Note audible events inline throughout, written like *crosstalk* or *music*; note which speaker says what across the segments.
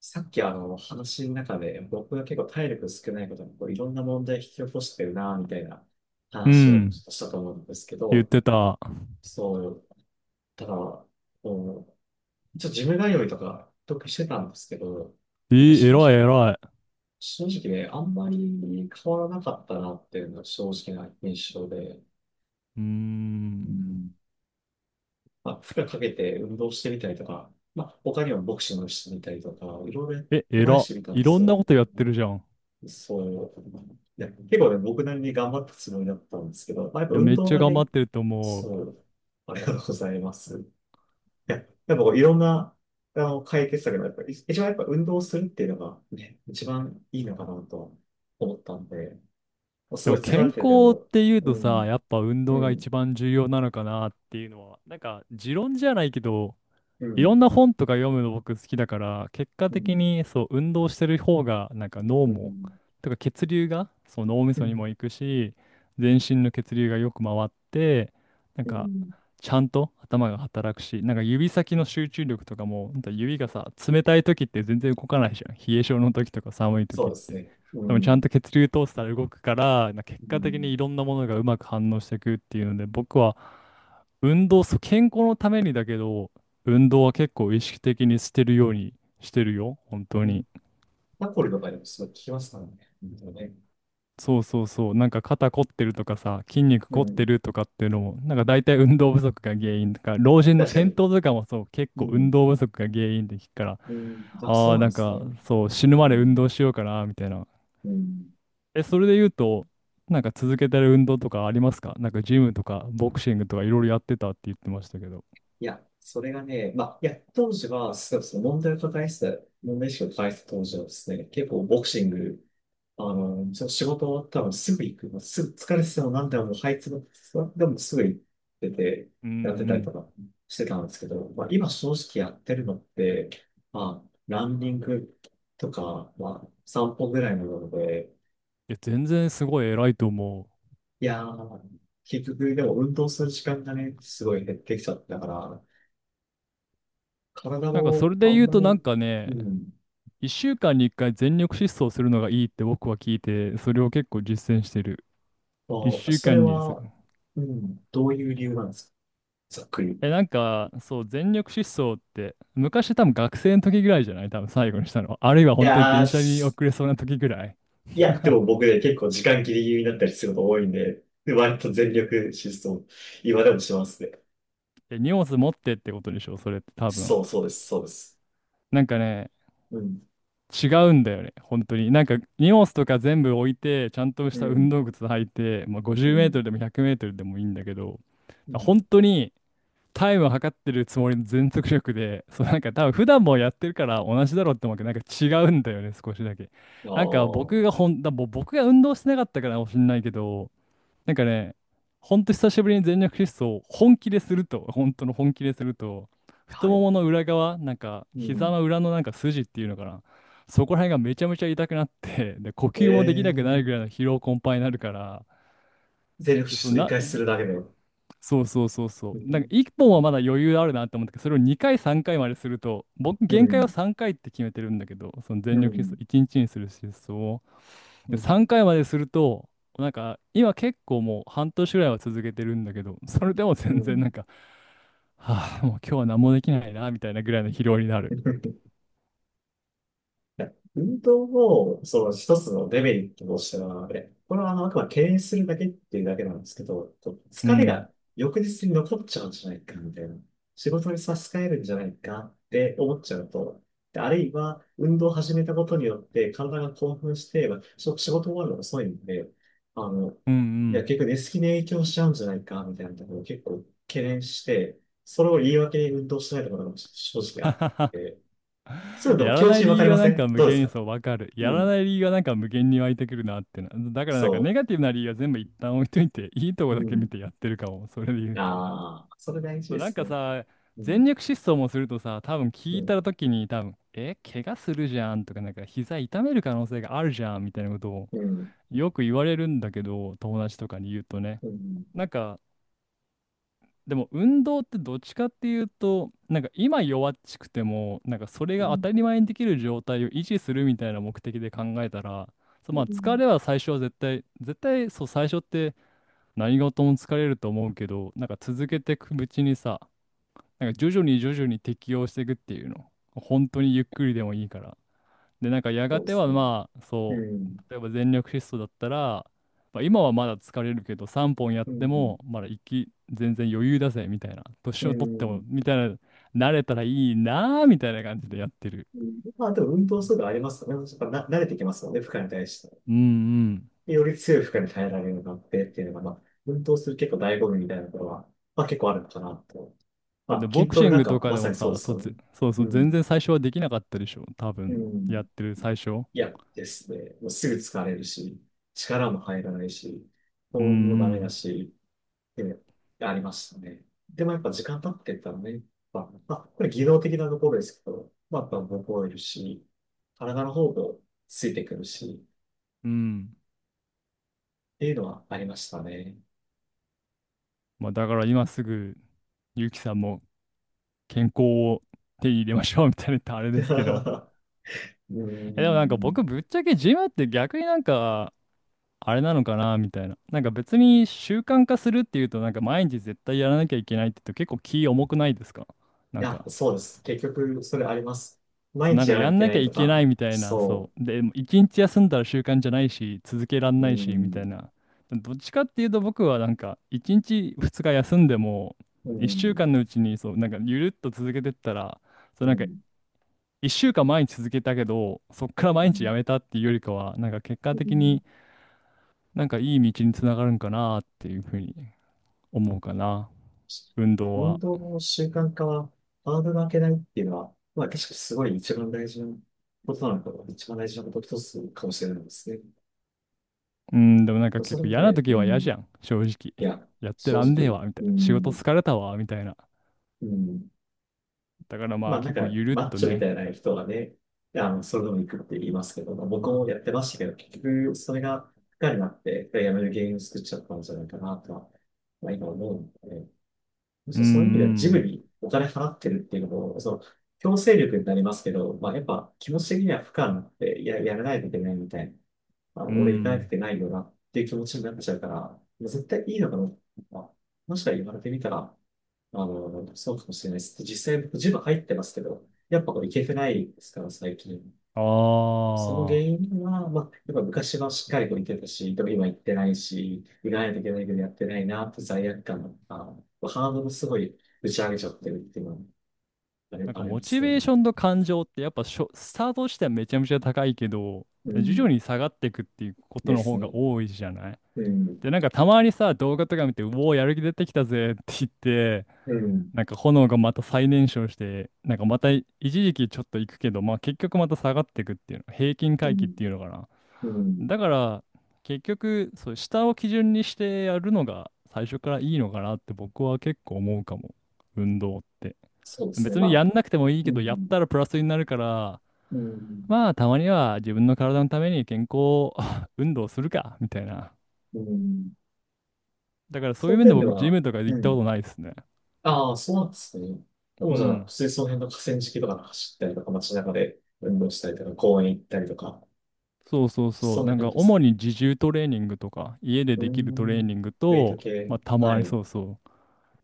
Speaker 1: さっき話の中で僕が結構体力少ないことにこういろんな問題引き起こしてるなみたいな
Speaker 2: う
Speaker 1: 話をちょ
Speaker 2: ん、
Speaker 1: っとしたと思うんですけ
Speaker 2: 言っ
Speaker 1: ど、
Speaker 2: てた。
Speaker 1: そう、ただ、こう、一応ジム通いとか得してたんですけど、
Speaker 2: え
Speaker 1: まあ
Speaker 2: ー、
Speaker 1: 正
Speaker 2: 偉い
Speaker 1: 直、
Speaker 2: 偉い。
Speaker 1: あんまり変わらなかったなっていうのが正直な印象で、
Speaker 2: うー
Speaker 1: う
Speaker 2: ん。
Speaker 1: ん。まあ、負荷かけて運動してみたりとか、まあ、他にもボクシングしてみたりとか、いろいろ
Speaker 2: え、
Speaker 1: トライし
Speaker 2: 偉。
Speaker 1: てみたんで
Speaker 2: いろ
Speaker 1: す
Speaker 2: んな
Speaker 1: よ。
Speaker 2: ことやってるじゃん。い
Speaker 1: そう。いや、結構ね、僕なりに頑張ったつもりだったんですけど、まあ、やっぱ
Speaker 2: や、
Speaker 1: 運
Speaker 2: めっ
Speaker 1: 動
Speaker 2: ちゃ
Speaker 1: が
Speaker 2: 頑張
Speaker 1: ね、
Speaker 2: ってると思う。
Speaker 1: そう、ありがとうございます。いや、やっぱこういろんな、解決策が、やっぱり、一番やっぱ運動するっていうのがね、一番いいのかなと思ったんで、もうす
Speaker 2: で
Speaker 1: ご
Speaker 2: も
Speaker 1: い疲
Speaker 2: 健
Speaker 1: れてて
Speaker 2: 康っ
Speaker 1: も、
Speaker 2: ていう
Speaker 1: う
Speaker 2: とさ、
Speaker 1: ん、
Speaker 2: やっぱ運動
Speaker 1: う
Speaker 2: が
Speaker 1: ん、
Speaker 2: 一番重要なのかなっていうのは、なんか持論じゃないけど、
Speaker 1: う
Speaker 2: いろ
Speaker 1: ん、
Speaker 2: んな本とか読むの僕好きだから、結果
Speaker 1: う
Speaker 2: 的
Speaker 1: ん、
Speaker 2: にそう、運動してる方が、なんか脳
Speaker 1: う
Speaker 2: も、
Speaker 1: ん、
Speaker 2: とか血流が、そう、脳み
Speaker 1: う
Speaker 2: そに
Speaker 1: ん、
Speaker 2: も行くし、全身の血流がよく回って、なん
Speaker 1: う
Speaker 2: か、
Speaker 1: ん、
Speaker 2: ちゃんと頭が働くし、なんか指先の集中力とかも、ほんと指がさ、冷たい時って全然動かないじゃん。冷え性の時とか寒い
Speaker 1: そう
Speaker 2: 時っ
Speaker 1: です
Speaker 2: て。
Speaker 1: ね。う
Speaker 2: でもちゃん
Speaker 1: ん、
Speaker 2: と血流通したら動くから、な結
Speaker 1: う
Speaker 2: 果的
Speaker 1: ん、
Speaker 2: にいろんなものがうまく反応していくっていうので、僕は運動、そう、健康のためにだけど、運動は結構意識的にしてるようにしてるよ、本当
Speaker 1: うん。
Speaker 2: に。
Speaker 1: タコリとかでもすごい効きますからね。本当ね。
Speaker 2: そうそうそう、なんか肩凝ってるとかさ、筋肉
Speaker 1: う
Speaker 2: 凝って
Speaker 1: ん、
Speaker 2: るとかっていうのも、なんか大体運動不足が原因とか、老人の
Speaker 1: 確か
Speaker 2: 転
Speaker 1: に。
Speaker 2: 倒とかもそう、結
Speaker 1: う
Speaker 2: 構運
Speaker 1: ん、
Speaker 2: 動不足が原因って聞くから、
Speaker 1: うん、あ、そ
Speaker 2: あ
Speaker 1: う
Speaker 2: あ、
Speaker 1: なん
Speaker 2: な
Speaker 1: で
Speaker 2: ん
Speaker 1: す
Speaker 2: か
Speaker 1: ね。
Speaker 2: そう、死ぬ
Speaker 1: う
Speaker 2: まで運
Speaker 1: ん、
Speaker 2: 動しようかな、みたいな。
Speaker 1: うん。
Speaker 2: え、それで言うと、なんか続けてる運動とかありますか？なんかジムとかボクシングとかいろいろやってたって言ってましたけど。
Speaker 1: いや、それがね、まあ、いや、当時は、そうそう、問題を抱えてた、問題意識を抱えてた当時はですね、結構ボクシング、ちょ仕事終わったらすぐ行く、すぐ疲れてても何でも、もう這いつくでもすぐ行ってて、
Speaker 2: うんう
Speaker 1: やってたりと
Speaker 2: ん。
Speaker 1: かしてたんですけど、まあ、今正直やってるのって、まあ、ランニングとか、まあ、散歩ぐらいなので、
Speaker 2: いや、全然すごい偉いと思う。
Speaker 1: いやー、結局、でも運動する時間がね、すごい減ってきちゃったから、体
Speaker 2: なんかそ
Speaker 1: も
Speaker 2: れ
Speaker 1: あ
Speaker 2: で
Speaker 1: ん
Speaker 2: 言う
Speaker 1: ま
Speaker 2: となん
Speaker 1: り、
Speaker 2: かね、
Speaker 1: うん。
Speaker 2: 1週間に1回全力疾走するのがいいって僕は聞いて、それを結構実践してる。
Speaker 1: ま
Speaker 2: 一
Speaker 1: あ、
Speaker 2: 週
Speaker 1: それ
Speaker 2: 間に、そう。
Speaker 1: は、うん、どういう理由なんですか、ざっくり。い
Speaker 2: え、なんか、そう、全力疾走って、昔多分学生の時ぐらいじゃない？多分最後にしたの、あるいは本当に
Speaker 1: やー、
Speaker 2: 電車に遅
Speaker 1: す、
Speaker 2: れそうな時ぐらい。
Speaker 1: いや、でも
Speaker 2: *laughs*
Speaker 1: 僕ね、結構時間ギリギリになったりすること多いんで、で割と全力疾走、今でもしますね。
Speaker 2: え、荷物持ってってことでしょ、それって多分。
Speaker 1: そうそうです、そうです。
Speaker 2: なんかね、
Speaker 1: うん、
Speaker 2: 違うんだよね。本当に。なんか、荷物とか全部置いて、ちゃんと
Speaker 1: う
Speaker 2: した運
Speaker 1: ん、
Speaker 2: 動靴履いて、まあ、50
Speaker 1: う
Speaker 2: メート
Speaker 1: ん、
Speaker 2: ルでも100メートルでもいいんだけど、
Speaker 1: う
Speaker 2: 本
Speaker 1: ん。
Speaker 2: 当に、タイムを測ってるつもりの全速力で、そう。なんか多分普段もやってるから同じだろうって思うけど、なんか違うんだよね、少しだけ。
Speaker 1: あ
Speaker 2: なんか
Speaker 1: あ、
Speaker 2: 僕がほん、だもう僕が運動してなかったからかもしんないけど、なんかね、ほんと久しぶりに全力疾走を本気ですると、本当の本気ですると、太
Speaker 1: は
Speaker 2: も
Speaker 1: い。
Speaker 2: もの裏側、なんか
Speaker 1: う
Speaker 2: 膝
Speaker 1: ん。
Speaker 2: の裏のなんか筋っていうのかな、そこら辺がめちゃめちゃ痛くなって、で、呼
Speaker 1: え
Speaker 2: 吸もでき
Speaker 1: え
Speaker 2: なくな
Speaker 1: ー、
Speaker 2: るぐらいの疲労困憊になるから、
Speaker 1: 全力
Speaker 2: で、そ
Speaker 1: 疾走一
Speaker 2: の
Speaker 1: 回す
Speaker 2: な、
Speaker 1: るだけで。う
Speaker 2: そうそうそうそう。なんか1
Speaker 1: ん、
Speaker 2: 本はまだ余裕あるなって思ったけど、それを2回3回まですると、僕
Speaker 1: う
Speaker 2: 限界は
Speaker 1: ん、
Speaker 2: 3回って決めてるんだけど、その
Speaker 1: う
Speaker 2: 全力疾走、
Speaker 1: ん、
Speaker 2: 1日にちにする疾走を。
Speaker 1: う
Speaker 2: で、3
Speaker 1: ん、
Speaker 2: 回まですると、なんか今結構もう半年ぐらいは続けてるんだけど、それでも
Speaker 1: う
Speaker 2: 全然なん
Speaker 1: ん。
Speaker 2: か、はあ、もう今日は何もできないな、みたいなぐらいの疲労になる。
Speaker 1: いや運動を、その一つのデメリットとしては、でこれはあくまで敬遠するだけっていうだけなんですけど、こう
Speaker 2: う
Speaker 1: 疲れ
Speaker 2: ん。
Speaker 1: が翌日に残っちゃうんじゃないか、みたいな。仕事に差し支えるんじゃないかって思っちゃうと、で、あるいは、運動を始めたことによって体が興奮して、まあし仕事終わるのが遅いんで、あの、
Speaker 2: うんう
Speaker 1: いや、
Speaker 2: ん。
Speaker 1: 結局寝つきに影響しちゃうんじゃないか、みたいなところを結構懸念して、それを言い訳に運動しないところが正直あっ
Speaker 2: *laughs*
Speaker 1: て、そういうので
Speaker 2: や
Speaker 1: も気
Speaker 2: ら
Speaker 1: 持
Speaker 2: な
Speaker 1: ち
Speaker 2: い
Speaker 1: わか
Speaker 2: 理
Speaker 1: り
Speaker 2: 由が
Speaker 1: ま
Speaker 2: な
Speaker 1: せ
Speaker 2: んか
Speaker 1: ん、
Speaker 2: 無
Speaker 1: どうで
Speaker 2: 限
Speaker 1: す
Speaker 2: に、
Speaker 1: か？
Speaker 2: そうわかる。
Speaker 1: う
Speaker 2: やら
Speaker 1: ん。
Speaker 2: ない理由がなんか無限に湧いてくるなってな。だからなんかネ
Speaker 1: そ
Speaker 2: ガティブな理由は全部一旦置いといて、いいとこ
Speaker 1: う。
Speaker 2: だ
Speaker 1: う
Speaker 2: け見
Speaker 1: ん。
Speaker 2: てやってるかも。それで言うと。
Speaker 1: ああ、それ大事
Speaker 2: そう
Speaker 1: で
Speaker 2: なん
Speaker 1: す
Speaker 2: か
Speaker 1: ね。
Speaker 2: さ、
Speaker 1: う
Speaker 2: 全
Speaker 1: ん。
Speaker 2: 力疾走もするとさ、多分
Speaker 1: う
Speaker 2: 聞い
Speaker 1: ん。
Speaker 2: た時に多分、え、怪我するじゃんとか、なんか膝痛める可能性があるじゃんみたいなことを
Speaker 1: うん。
Speaker 2: よく言われるんだけど、友達とかに言うとね。
Speaker 1: うん。
Speaker 2: なんか、でも運動ってどっちかっていうと、なんか今弱っちくても、なんかそれ
Speaker 1: う
Speaker 2: が当
Speaker 1: ん。
Speaker 2: たり前にできる状態を維持するみたいな目的で考えたら、そう、
Speaker 1: う
Speaker 2: まあ疲
Speaker 1: ん、
Speaker 2: れは最初は絶対、絶対、そう最初って何事も疲れると思うけど、なんか続けていくうちにさ、なんか徐々に徐々に適応していくっていうの。本当にゆっくりでもいいから。で、なんかや
Speaker 1: そ
Speaker 2: が
Speaker 1: うで
Speaker 2: ては
Speaker 1: すね。
Speaker 2: まあ、
Speaker 1: う
Speaker 2: そう、
Speaker 1: ん。
Speaker 2: 例えば全力疾走だったら、まあ、今はまだ疲れるけど、3本やっ
Speaker 1: う
Speaker 2: て
Speaker 1: ん。
Speaker 2: も、まだ息、全然余裕だぜ、みたいな。年
Speaker 1: う
Speaker 2: を取っても、
Speaker 1: ん。
Speaker 2: みたいな、慣れたらいいなーみたいな感じでやってる。
Speaker 1: うん、まあ、でも運動するのありますよね。やっぱな、慣れてきますよね、負荷に対して。
Speaker 2: うんうん。
Speaker 1: より強い負荷に耐えられるようになってっていうのが、まあ、運動する結構醍醐味みたいなところは、まあ結構あるのかなと。
Speaker 2: だって
Speaker 1: まあ、
Speaker 2: ボ
Speaker 1: 筋
Speaker 2: ク
Speaker 1: ト
Speaker 2: シ
Speaker 1: レ
Speaker 2: ン
Speaker 1: なん
Speaker 2: グと
Speaker 1: か
Speaker 2: か
Speaker 1: ま
Speaker 2: で
Speaker 1: さ
Speaker 2: も
Speaker 1: にそう
Speaker 2: さ、
Speaker 1: です
Speaker 2: そう、
Speaker 1: よね。
Speaker 2: そうそ
Speaker 1: う
Speaker 2: う、全
Speaker 1: ん。
Speaker 2: 然最初はできなかったでしょ、多
Speaker 1: う
Speaker 2: 分、や
Speaker 1: ん。
Speaker 2: ってる最初。
Speaker 1: 嫌ですね。もうすぐ疲れるし、力も入らないし、
Speaker 2: うんう
Speaker 1: 保温もダメ
Speaker 2: ん。
Speaker 1: だし、で、ありましたね。でもやっぱ時間経ってったらね、まあ、まあこれ技能的なところですけど、まあ、やっぱ覚えるし、体の方もついてくるし、
Speaker 2: うん。
Speaker 1: っていうのはありましたね。
Speaker 2: まあ、だから今すぐ、ゆうきさんも健康を手に入れましょう、みたいな、言ったらあれですけど。
Speaker 1: *laughs* うー
Speaker 2: え、でもなんか僕
Speaker 1: ん。
Speaker 2: ぶっちゃけジムって逆になんかあれなのかなみたいな。なんか別に習慣化するっていうとなんか毎日絶対やらなきゃいけないって言うと結構気重くないですか？な
Speaker 1: い
Speaker 2: ん
Speaker 1: や、
Speaker 2: か、
Speaker 1: そうです。結局、それあります。
Speaker 2: そう、
Speaker 1: 毎
Speaker 2: なん
Speaker 1: 日
Speaker 2: か
Speaker 1: やら
Speaker 2: や
Speaker 1: なきゃい
Speaker 2: ん
Speaker 1: け
Speaker 2: な
Speaker 1: な
Speaker 2: きゃ
Speaker 1: いと
Speaker 2: いけな
Speaker 1: か、
Speaker 2: いみたいな、
Speaker 1: そ
Speaker 2: そう。で、一日休んだら習慣じゃないし、続けらん
Speaker 1: う。うー
Speaker 2: ないし、みたい
Speaker 1: ん。
Speaker 2: な。どっちかっていうと僕はなんか一日二日休んでも
Speaker 1: うー
Speaker 2: 一週
Speaker 1: ん。
Speaker 2: 間のうちにそう、なんかゆるっと続けてったら、そ
Speaker 1: う
Speaker 2: う。なんか
Speaker 1: ん。
Speaker 2: 一週間毎日続けたけど、そっから毎日やめたっていうよりかは、なんか結果
Speaker 1: う
Speaker 2: 的
Speaker 1: ん、
Speaker 2: になんかいい道につながるんかなっていうふうに思うかな。運動
Speaker 1: 運
Speaker 2: は。
Speaker 1: 動の習慣化はハードルを上げないっていうのは、まあ、確かにすごい一番大事なことなのかな、一番大事なこと一つかもしれないですね。
Speaker 2: うん、でもなんか
Speaker 1: そ
Speaker 2: 結
Speaker 1: れ
Speaker 2: 構嫌な
Speaker 1: で、う
Speaker 2: 時は嫌
Speaker 1: ん、
Speaker 2: じゃん、正直。
Speaker 1: いや、
Speaker 2: やって
Speaker 1: 正
Speaker 2: らんねえ
Speaker 1: 直、
Speaker 2: わ、みた
Speaker 1: う
Speaker 2: いな。仕事
Speaker 1: ん、
Speaker 2: 疲れたわ、みたいな。
Speaker 1: うん、
Speaker 2: だからま
Speaker 1: ま
Speaker 2: あ
Speaker 1: あなん
Speaker 2: 結構
Speaker 1: か、
Speaker 2: ゆるっ
Speaker 1: マッ
Speaker 2: と
Speaker 1: チョみ
Speaker 2: ね。
Speaker 1: たいな人はね、それでも行くって言いますけど、まあ僕もやってましたけど、結局、それが、負荷になって、やめる原因を作っちゃったんじゃないかなとは、まあ今思うので、むし
Speaker 2: うん
Speaker 1: ろそういう意味ではジ
Speaker 2: う
Speaker 1: ム
Speaker 2: ん。
Speaker 1: にお金払ってるっていうのも、その、強制力になりますけど、まあ、やっぱ気持ち的には負荷になってや、やらないといけないみたいな、まあ、
Speaker 2: う
Speaker 1: 俺行かなく
Speaker 2: ん。
Speaker 1: てないよなっていう気持ちになっちゃうから、まあ絶対いいのかな。まあ、もしか言われてみたら、そうかもしれないです。実際僕ジム入ってますけど、やっぱこれ行けてないですから、最近。
Speaker 2: あ
Speaker 1: その原
Speaker 2: あ。
Speaker 1: 因は、まあ、やっぱ昔はしっかりと行けたし、でも今行ってないし、行かないといけないけどやってないな、と罪悪感とか、ハードルすごい打ち上げちゃってるっていうのはあり、
Speaker 2: なんか
Speaker 1: あり
Speaker 2: モ
Speaker 1: ま
Speaker 2: チ
Speaker 1: すよ
Speaker 2: ベー
Speaker 1: ね。
Speaker 2: ションと感情ってやっぱスタートしてはめちゃめちゃ高いけど、
Speaker 1: う
Speaker 2: 徐々
Speaker 1: ん。
Speaker 2: に下がっていくっていうこと
Speaker 1: で
Speaker 2: の
Speaker 1: す
Speaker 2: 方
Speaker 1: ね。
Speaker 2: が多いじゃない。
Speaker 1: うん。
Speaker 2: で、なんかたまにさ、動画とか見て、うおー、やる気出てきたぜって言って、
Speaker 1: うん。
Speaker 2: なんか炎がまた再燃焼して、なんかまた一時期ちょっと行くけど、まあ結局また下がっていくっていうの、平均
Speaker 1: う
Speaker 2: 回帰っ
Speaker 1: ん。
Speaker 2: ていうのかな。
Speaker 1: うん。
Speaker 2: だから結局、そう、下を基準にしてやるのが最初からいいのかなって僕は結構思うかも、運動って。
Speaker 1: そうですね。
Speaker 2: 別
Speaker 1: ま
Speaker 2: に
Speaker 1: あ、
Speaker 2: やんなくてもいい
Speaker 1: う
Speaker 2: けど、やっ
Speaker 1: ん。
Speaker 2: たらプラスになるから、
Speaker 1: うん。
Speaker 2: まあたまには自分の体のために健康、 *laughs* 運動するか、みたいな。
Speaker 1: うん。
Speaker 2: だからそ
Speaker 1: そ
Speaker 2: ういう
Speaker 1: の
Speaker 2: 面で
Speaker 1: 点で
Speaker 2: 僕、ジ
Speaker 1: は、
Speaker 2: ムとか
Speaker 1: う
Speaker 2: 行ったこ
Speaker 1: ん。
Speaker 2: とないですね。
Speaker 1: ああ、そうなんですね。で
Speaker 2: う
Speaker 1: もじゃあ、
Speaker 2: ん。
Speaker 1: 普通にその辺の河川敷とか走ったりとか、街中で運動したりとか、公園行ったりとか、
Speaker 2: そうそうそ
Speaker 1: そ
Speaker 2: う。
Speaker 1: んな
Speaker 2: なん
Speaker 1: 感
Speaker 2: か
Speaker 1: じで
Speaker 2: 主
Speaker 1: す。
Speaker 2: に自重トレーニングとか、家で
Speaker 1: うー
Speaker 2: できるトレー
Speaker 1: ん。
Speaker 2: ニング
Speaker 1: ウェイト
Speaker 2: と、
Speaker 1: 系。
Speaker 2: まあた
Speaker 1: は
Speaker 2: まに
Speaker 1: い。
Speaker 2: そうそう、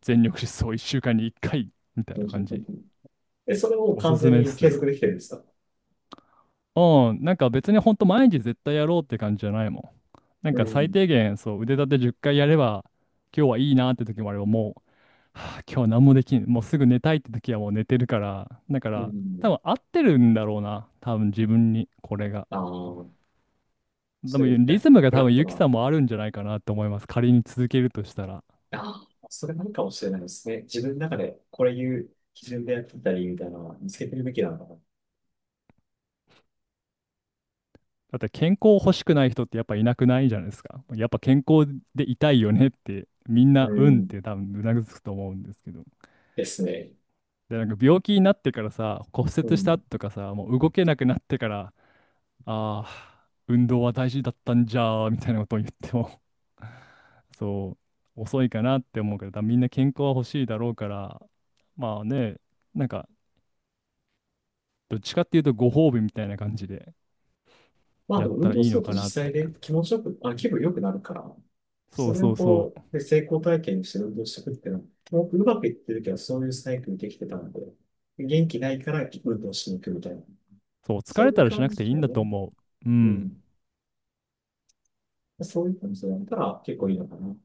Speaker 2: 全力疾走1週間に1回みたいな感じ。
Speaker 1: え、それを
Speaker 2: おす
Speaker 1: 完
Speaker 2: す
Speaker 1: 全
Speaker 2: めっ
Speaker 1: に
Speaker 2: す
Speaker 1: 継続
Speaker 2: よ。
Speaker 1: できてるんですか？
Speaker 2: うん、なんか別にほんと毎日絶対やろうって感じじゃないもん。なん
Speaker 1: う
Speaker 2: か最
Speaker 1: ん。
Speaker 2: 低限そう腕立て10回やれば今日はいいなって時もあれば、もう、はあ、今日は何もできん、もうすぐ寝たいって時はもう寝てるから、だか
Speaker 1: う
Speaker 2: ら多
Speaker 1: ん。
Speaker 2: 分合ってるんだろうな、多分自分にこれが。
Speaker 1: ああ、
Speaker 2: で
Speaker 1: そう
Speaker 2: も
Speaker 1: いう
Speaker 2: リ
Speaker 1: ラ、
Speaker 2: ズムが
Speaker 1: フ
Speaker 2: 多
Speaker 1: ラッ
Speaker 2: 分
Speaker 1: ト
Speaker 2: ユキ
Speaker 1: な。
Speaker 2: さんもあるんじゃないかなと思います。仮に続けるとしたら。
Speaker 1: ああ、それなのかもしれないですね。自分の中でこれいう基準でやってたりみたいなのは見つけてるべきなのかな。
Speaker 2: だって健康欲しくない人ってやっぱいなくないじゃないですか。やっぱ健康でいたいよねってみん
Speaker 1: う
Speaker 2: なうんっ
Speaker 1: ん。
Speaker 2: て多分うなずくと思うんですけど。
Speaker 1: ですね。
Speaker 2: で、なんか病気になってからさ、骨
Speaker 1: う
Speaker 2: 折した
Speaker 1: ん。
Speaker 2: 後とかさ、もう動けなくなってから、ああ、運動は大事だったんじゃーみたいなことを言っても、*laughs* そう、遅いかなって思うから、だからみんな健康は欲しいだろうから、まあね、なんかどっちかっていうとご褒美みたいな感じで。
Speaker 1: まあ
Speaker 2: や
Speaker 1: で
Speaker 2: っ
Speaker 1: も運
Speaker 2: たら
Speaker 1: 動
Speaker 2: いい
Speaker 1: する
Speaker 2: の
Speaker 1: と
Speaker 2: かなっ
Speaker 1: 実際
Speaker 2: て。
Speaker 1: で気持ちよく、あ、気分良くなるから、
Speaker 2: そ
Speaker 1: そ
Speaker 2: う
Speaker 1: れを
Speaker 2: そうそ
Speaker 1: こ
Speaker 2: う。
Speaker 1: う、で、成功体験にして運動していくっていうのは、もうまくいってるけど、そういうサイクルできてたので、元気ないから運動しに行くみたいな、
Speaker 2: そう、疲
Speaker 1: そう
Speaker 2: れ
Speaker 1: いう
Speaker 2: たらし
Speaker 1: 感
Speaker 2: なく
Speaker 1: じ
Speaker 2: ていい
Speaker 1: だ
Speaker 2: んだ
Speaker 1: ね。
Speaker 2: と思う。う
Speaker 1: う
Speaker 2: ん。
Speaker 1: ん。そういう感じでやったら結構いいのかな。